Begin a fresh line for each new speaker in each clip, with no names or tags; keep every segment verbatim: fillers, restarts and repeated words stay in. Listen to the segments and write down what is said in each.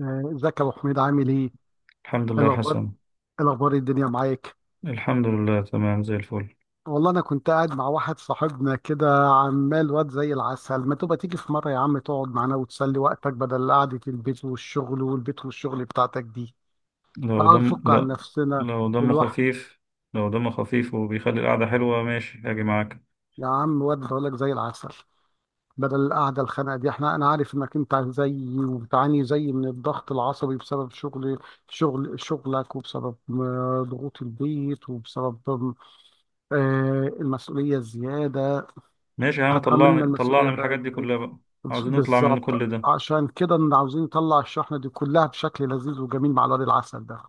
آه، ازيك يا ابو حميد عامل ايه؟ إيه
الحمد لله
الاخبار
حسن.
إيه الاخبار إيه الدنيا معاك.
الحمد لله، تمام زي الفل.
والله انا كنت قاعد مع واحد صاحبنا كده، عمال واد زي العسل. ما تبقى تيجي في مره يا عم تقعد معانا وتسلي وقتك بدل قعده البيت والشغل والبيت والشغل بتاعتك دي.
لو
اه،
دم
نفك عن
لا،
نفسنا
لو دمه
الواحد.
خفيف لو دمه خفيف وبيخلي القعدة حلوة، ماشي هاجي معاك.
يا عم، واد بقولك زي العسل. بدل القعده الخانقه دي، احنا انا عارف انك انت زيي وبتعاني زيي من الضغط العصبي بسبب شغل شغل شغلك وبسبب آه، ضغوط البيت، وبسبب آه، المسؤولية زيادة.
ماشي يا عم،
هتحملنا
طلعني طلعني
المسؤولية
من الحاجات دي
بدري.
كلها بقى. عاوزين نطلع من
بالظبط،
كل ده.
عشان كده إن عاوزين نطلع الشحنة دي كلها بشكل لذيذ وجميل مع الواد العسل ده.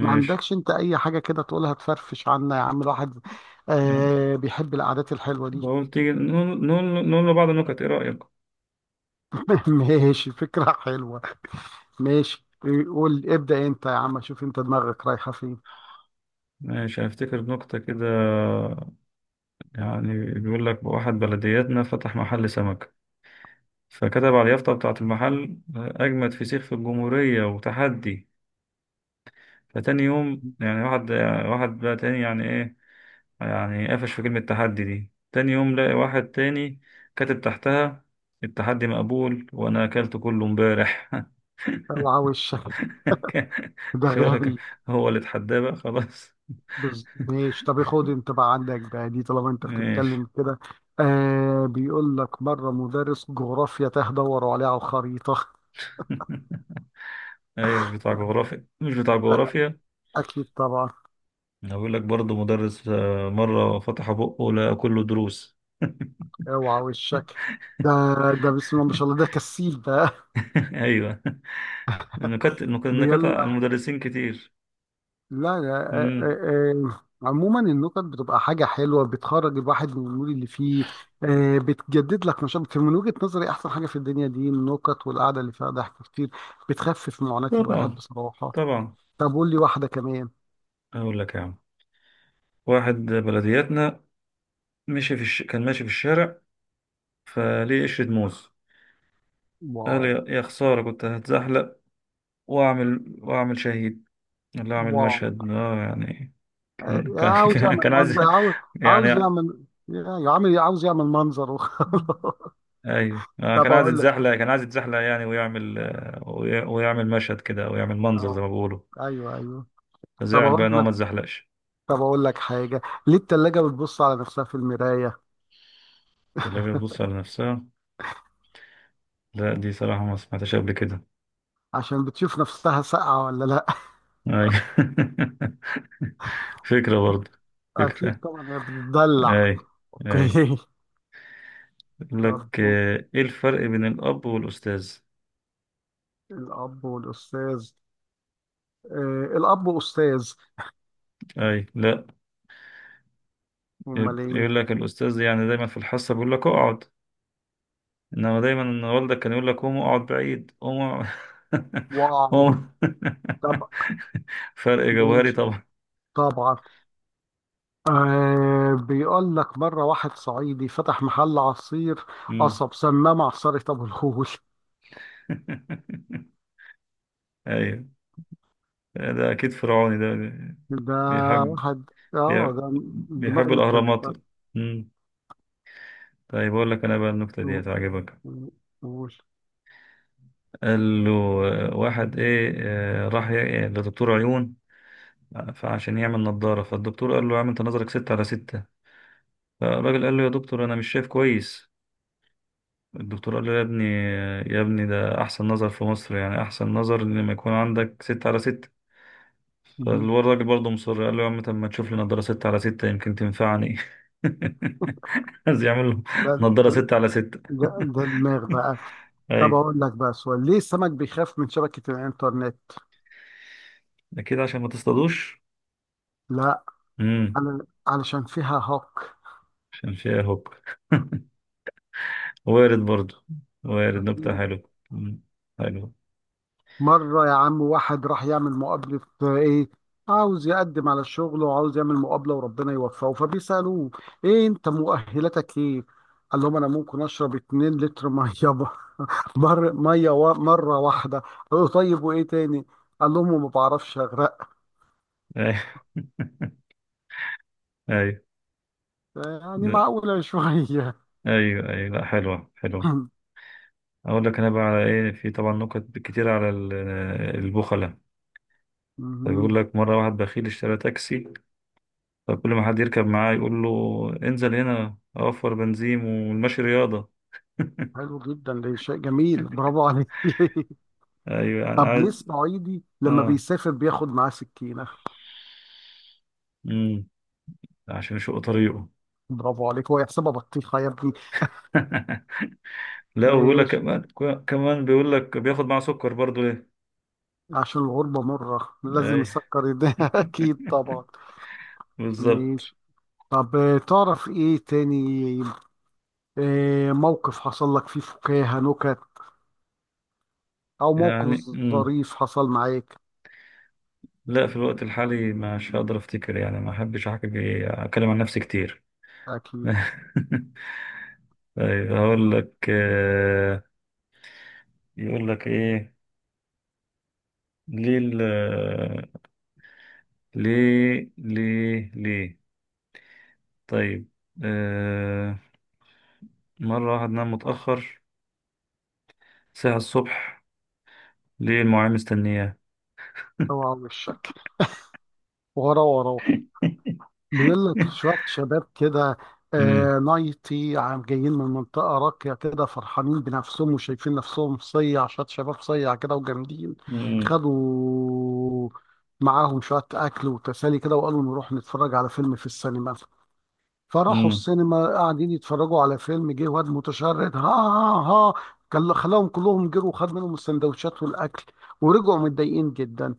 ما عندكش انت اي حاجة كده تقولها تفرفش عنا يا عم الواحد؟ آه بيحب القعدات الحلوة دي.
بقول تيجي نقول نقول نقول لبعض النكت، ايه رأيك؟
ماشي، فكرة حلوة. ماشي، قول ابدأ انت يا عم، شوف انت دماغك رايحة فين.
ماشي، هفتكر نكتة كده. يعني بيقول لك واحد بلدياتنا فتح محل سمك، فكتب على اليافطة بتاعة المحل: أجمد فسيخ في الجمهورية، وتحدي. فتاني يوم يعني واحد، واحد بقى تاني يعني ايه، يعني قفش في كلمة تحدي دي. تاني يوم لاقي واحد تاني كاتب تحتها: التحدي مقبول وانا اكلت كله امبارح.
اوعى وشك، ده
شو،
غبي.
هو اللي اتحداه بقى، خلاص.
بز... ماشي، طب خد انت بقى عندك بقى دي طالما انت
ماشي.
بتتكلم كده. آه، بيقول لك مره مدرس جغرافيا تاه، دوروا عليه على الخريطه.
ايوه، مش بتاع جغرافيا، مش بتاع جغرافيا.
اكيد طبعا.
هقول لك برضه مدرس، آه، مرة فتح بقه لقى كله دروس.
اوعى وشك. ده، ده بسم الله ما شاء الله، ده كسيل بقى.
ايوه، نكت نكت نكت على
بيلا.
المدرسين كتير.
لا، لا. آه،
امم.
آه. آه. عموما النكت بتبقى حاجة حلوة، بتخرج الواحد من المود اللي فيه. آه، بتجدد لك نشاط. من وجهة نظري أحسن حاجة في الدنيا دي النكت والقعدة اللي فيها ضحك كتير، بتخفف معاناة الواحد
طبعا،
بصراحة.
طبعا.
طب قول لي واحدة كمان.
اقول لك يا عم، واحد بلدياتنا مشي في الش... كان ماشي في الشارع، فليه قشرة موز. قال:
واو.
يا يا خسارة، كنت هتزحلق، واعمل واعمل شهيد، ولا اعمل
واو.
مشهد، اه يعني. كان كان
عاوز
كان كان
يعمل
عايز
منظر. عاوز عاوز
يعني
يعمل يا عم عاوز يعمل منظر وخلاص.
ايوه، آه، كان
طب
عايز
اقول لك.
يتزحلق، كان عايز يتزحلق يعني، ويعمل آه، وي- ويعمل مشهد كده، او يعمل منظر زي ما
اه،
بيقولوا.
ايوه ايوه. طب
فزعل بقى
اقول
ان هو
لك
ما اتزحلقش.
طب اقول لك حاجه. ليه التلاجه بتبص على نفسها في المرايه؟
الكلاب بتبص على نفسها. لا، دي صراحة ما سمعتهاش قبل كده.
عشان بتشوف نفسها ساقعه ولا لا.
ايوه. فكرة برضه.
اكيد
فكرة.
طبعا، هي بتدلع.
اي، اي.
اوكي.
يقول
طب،
لك آه، ايه الفرق بين الاب والاستاذ؟
الاب والاستاذ. آه، الاب استاذ.
اي، لا.
امال ايه؟
يقول لك الاستاذ يعني دايما في الحصه بيقول لك اقعد، انما دايما ان والدك كان يقول لك قوم اقعد بعيد، قوم أقعد-
واو.
قوم.
طب
فرق جوهري
ماشي،
طبعا.
طبعا. آه، بيقول لك مرة واحد صعيدي فتح محل عصير
مم.
قصب، سماه معصرة أبو الهول.
ايوه، ده اكيد فرعوني ده.
ده
بيحب
واحد اه،
بيحب
ده دماغه
بيحب الاهرامات.
متكلفة.
مم. طيب، اقول لك انا بقى النكته دي
و-
هتعجبك.
و- وقول.
قال له: آه، واحد ايه آه، راح ي- إيه، لدكتور عيون، فعشان يعمل نظارة. فالدكتور قال له: يا عم، انت نظرك ستة على ستة. فالراجل قال له: يا دكتور، انا مش شايف كويس. الدكتور قال له: يا ابني، يا ابني، ده احسن نظر في مصر، يعني احسن نظر ان لما يكون عندك ستة على ستة.
مهم.
فالراجل برضه مصر قال له: يا عم، طب ما تشوف لي نظارة ستة على ستة، يمكن تنفعني. عايز يعمل له
ده
نظارة
ده
ستة على ستة.
ده ده دماغ بقى. طب
ايوه،
أقول لك بقى سؤال: ليه السمك بيخاف من شبكة الإنترنت؟
اكيد عشان ما تصطادوش.
لا،
امم.
على- علشان فيها هاك.
عشان فيها هوك. وارد برضو، وارد. نكتة حلوة. مم. حلوة.
مرة يا عم واحد راح يعمل مقابلة، آه، إيه، عاوز يقدم على الشغل وعاوز يعمل مقابلة وربنا يوفقه، فبيسألوه: إيه أنت مؤهلاتك إيه؟ قال لهم: أنا ممكن أشرب 2 لتر مية. مر مية و- مرة واحدة. قالوا: طيب وإيه تاني؟ قال لهم: ما بعرفش أغرق.
أيوة. أيوة،
يعني
لا،
معقولة شوية.
أيوة، أيوة، لا، حلوة، حلوة. أقول لك أنا بقى على إيه، في طبعا نكت كتير على ال- البخلة. فبيقول
مهم.
لك مرة واحد بخيل اشترى تاكسي، فكل ما حد يركب معاه يقول له: انزل هنا، أوفر بنزين، والمشي رياضة.
حلو جدا، ده شيء جميل، برافو عليك.
أيوة، يعني
طب ليه
عايز.
الصعيدي لما
آه
بيسافر بياخد معاه سكينة؟
مم. عشان يشق طريقه.
برافو عليك، هو يحسبها بطيخة يا ابني.
لا، وبيقول لك
ماشي.
كمان. كمان بيقول لك بياخد معاه سكر برضو، ليه؟
عشان الغربة مرة لازم
أيوة.
يسكر ايديها. أكيد طبعا.
بالظبط.
ماشي. طب آه، تعرف إيه تاني؟ آه، موقف حصل لك فيه فكاهة، نكت، أو موقف
يعني. مم.
ظريف حصل معاك.
لا، في الوقت الحالي مش هقدر افتكر يعني، ما احبش احكي، اتكلم عن نفسي كتير.
أكيد.
طيب، هقول لك آه، يقول لك ايه، ليه ال- آه، ليه ليه ليه طيب، آه، مرة واحد نام متأخر ساعة الصبح، ليه المعلم مستنياه؟
اوعى وشك. ورا ورا. بيقول لك شوية شباب كده
امم.
آه نايتي عم، جايين من منطقة راقية كده فرحانين بنفسهم وشايفين نفسهم صيع، شوية شباب صيع كده وجامدين.
امم.
خدوا معاهم شوية أكل وتسالي كده، وقالوا نروح نتفرج على فيلم في السينما. فراحوا
امم.
السينما قاعدين يتفرجوا على فيلم، جه واد متشرد ها ها ها، كل- خلاهم كلهم جروا وخد منهم السندوتشات والأكل. ورجعوا متضايقين جدا.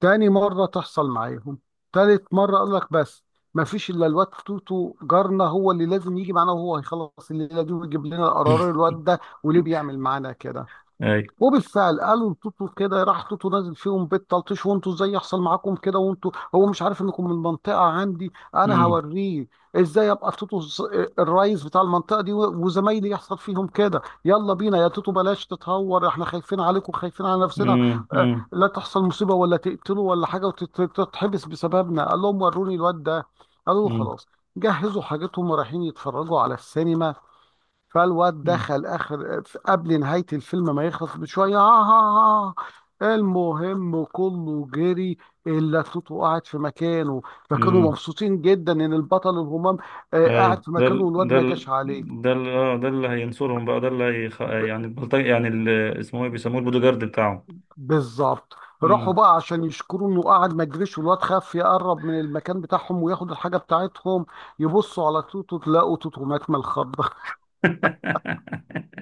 تاني مرة تحصل معاهم، تالت مرة قال لك بس، ما فيش إلا الواد توتو جارنا هو اللي لازم يجي معانا، وهو هيخلص الليلة دي ويجيب لنا قرار الواد ده وليه بيعمل معانا كده.
اي.
وبالفعل قالوا لتوتو كده، راح توتو نازل فيهم بيت تلطيش: وانتوا ازاي يحصل معاكم كده وانتوا، هو مش عارف انكم من المنطقه عندي، انا
امم.
هوريه ازاي، ابقى في توتو الز- الرئيس بتاع المنطقه دي و- وزمايلي يحصل فيهم كده. يلا بينا يا توتو، بلاش تتهور، احنا خايفين عليكم خايفين على نفسنا اه،
امم.
لا تحصل مصيبه ولا تقتلوا ولا حاجه وتتحبس بسببنا. قال لهم: وروني الواد ده. قالوا له:
امم.
خلاص. جهزوا حاجتهم ورايحين يتفرجوا على السينما. فالواد دخل اخر قبل نهايه الفيلم ما يخلص بشويه. آه آه آه. آه. المهم كله جري، الا توتو قاعد في مكانه. فكانوا
امم.
مبسوطين جدا ان البطل الهمام آه،
اي،
قاعد في
ده
مكانه
ال-
والواد
ده
ما
ال-
جاش عليه.
ده ال- آه، ده اللي هينصرهم بقى، ده اللي هيخ... يعني
ب-
البلطجي، يعني ال- اسمه ايه، بيسموه البودو جارد بتاعهم.
بالظبط. راحوا
امم.
بقى عشان يشكروا انه قاعد ما جريش والواد خاف يقرب من المكان بتاعهم وياخد الحاجه بتاعتهم. يبصوا على توتو، تلاقوا توتو مات من الخضه.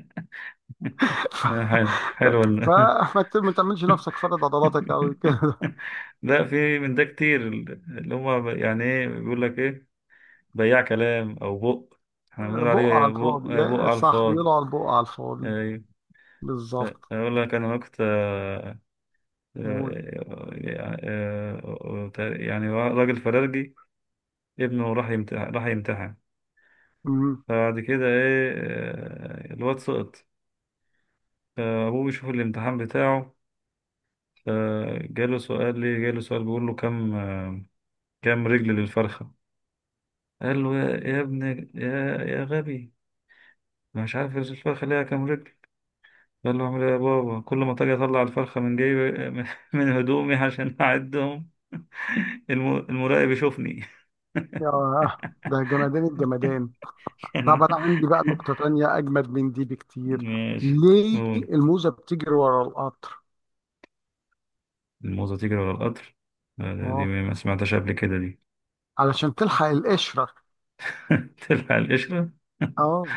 ف...
آه، حلو، حلو ال-
فما ت- ما تعملش نفسك فرد عضلاتك قوي كده.
لا، في من ده كتير، اللي هم يعني ايه، بيقول لك ايه: بياع كلام او بق. احنا بنقول
بقى على
عليه بق،
الفاضي،
آه، بق
يا
على
صح،
الفاضي.
بيقولوا على البقى على الفاضي.
ايوه.
بالظبط.
اقول لك انا وقت آه، آه،
قول.
آه، آه، آه، يعني راجل فرارجي، ابنه راح يمتحن راح يمتحن.
مم.
فبعد كده ايه آه، الواد سقط. فابوه بيشوف الامتحان بتاعه، فجاله سؤال، ليه جاله سؤال بيقول له: كام كام رجل للفرخة؟ قال له: يا, يا ابني، يا يا غبي، أنا مش عارف الفرخة ليها كام رجل. قال له: اعمل ايه يا بابا؟ كل ما تجي، اطلع الفرخة من جيبي، من من هدومي عشان اعدهم، الم- المراقب يشوفني.
يا ده جمدان الجمدان.
كان
طب
ع-
انا عندي بقى نقطة تانية اجمد من دي بكتير.
ماشي،
ليه
قول.
الموزة بتجري ورا القطر؟
الموزة تجري ورا القطر. آه، دي
اه،
ما سمعتهاش قبل كده دي.
علشان تلحق القشرة.
تلفع القشرة.
اه،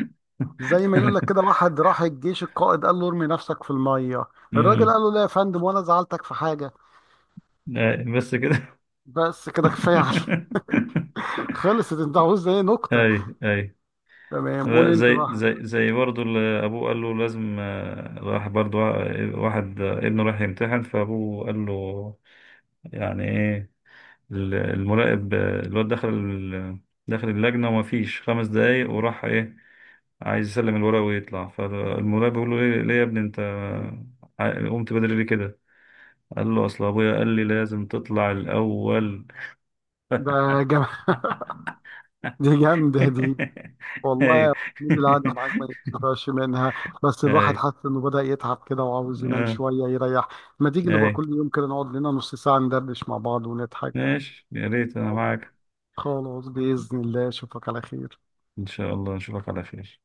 زي ما يقول لك كده واحد راح الجيش، القائد قال له ارمي نفسك في المية. الراجل
مم.
قال له: لا يا فندم، وانا زعلتك في حاجة؟
أي، بس كده.
بس كده كفاية عليك. خلصت؟ انت عاوز ايه نقطة؟
اي، اي.
تمام، قول
لا،
انت
زي
بقى
زي
حضرتك.
زي برضه اللي ابوه قال له لازم، آه، راح برضه آه، واحد آه، ابنه راح يمتحن، فابوه قال له يعني ايه. ال- المراقب، آه، الواد دخل ال- دخل اللجنة، وما فيش خمس دقايق، وراح ايه، عايز يسلم الورق ويطلع. فالمراقب بيقول له: ليه ليه يا ابني انت، آه، قمت بدري ليه كده؟ قال له: اصل ابويا قال لي لازم تطلع الاول.
ده جم... دي جامدة دي. والله
ايوه.
يا محمود القعدة معاك ما ينفعش منها، بس الواحد
ايوه،
حاسس انه بدأ يتعب كده وعاوز ينام
آه،
شوية يريح. ما تيجي نبقى
ايوه
كل يوم كده نقعد لنا نص ساعة ندردش مع بعض ونضحك.
ماشي، يا ريت انا معاك.
خلاص، بإذن الله أشوفك على خير.
ان شاء الله نشوفك على خير.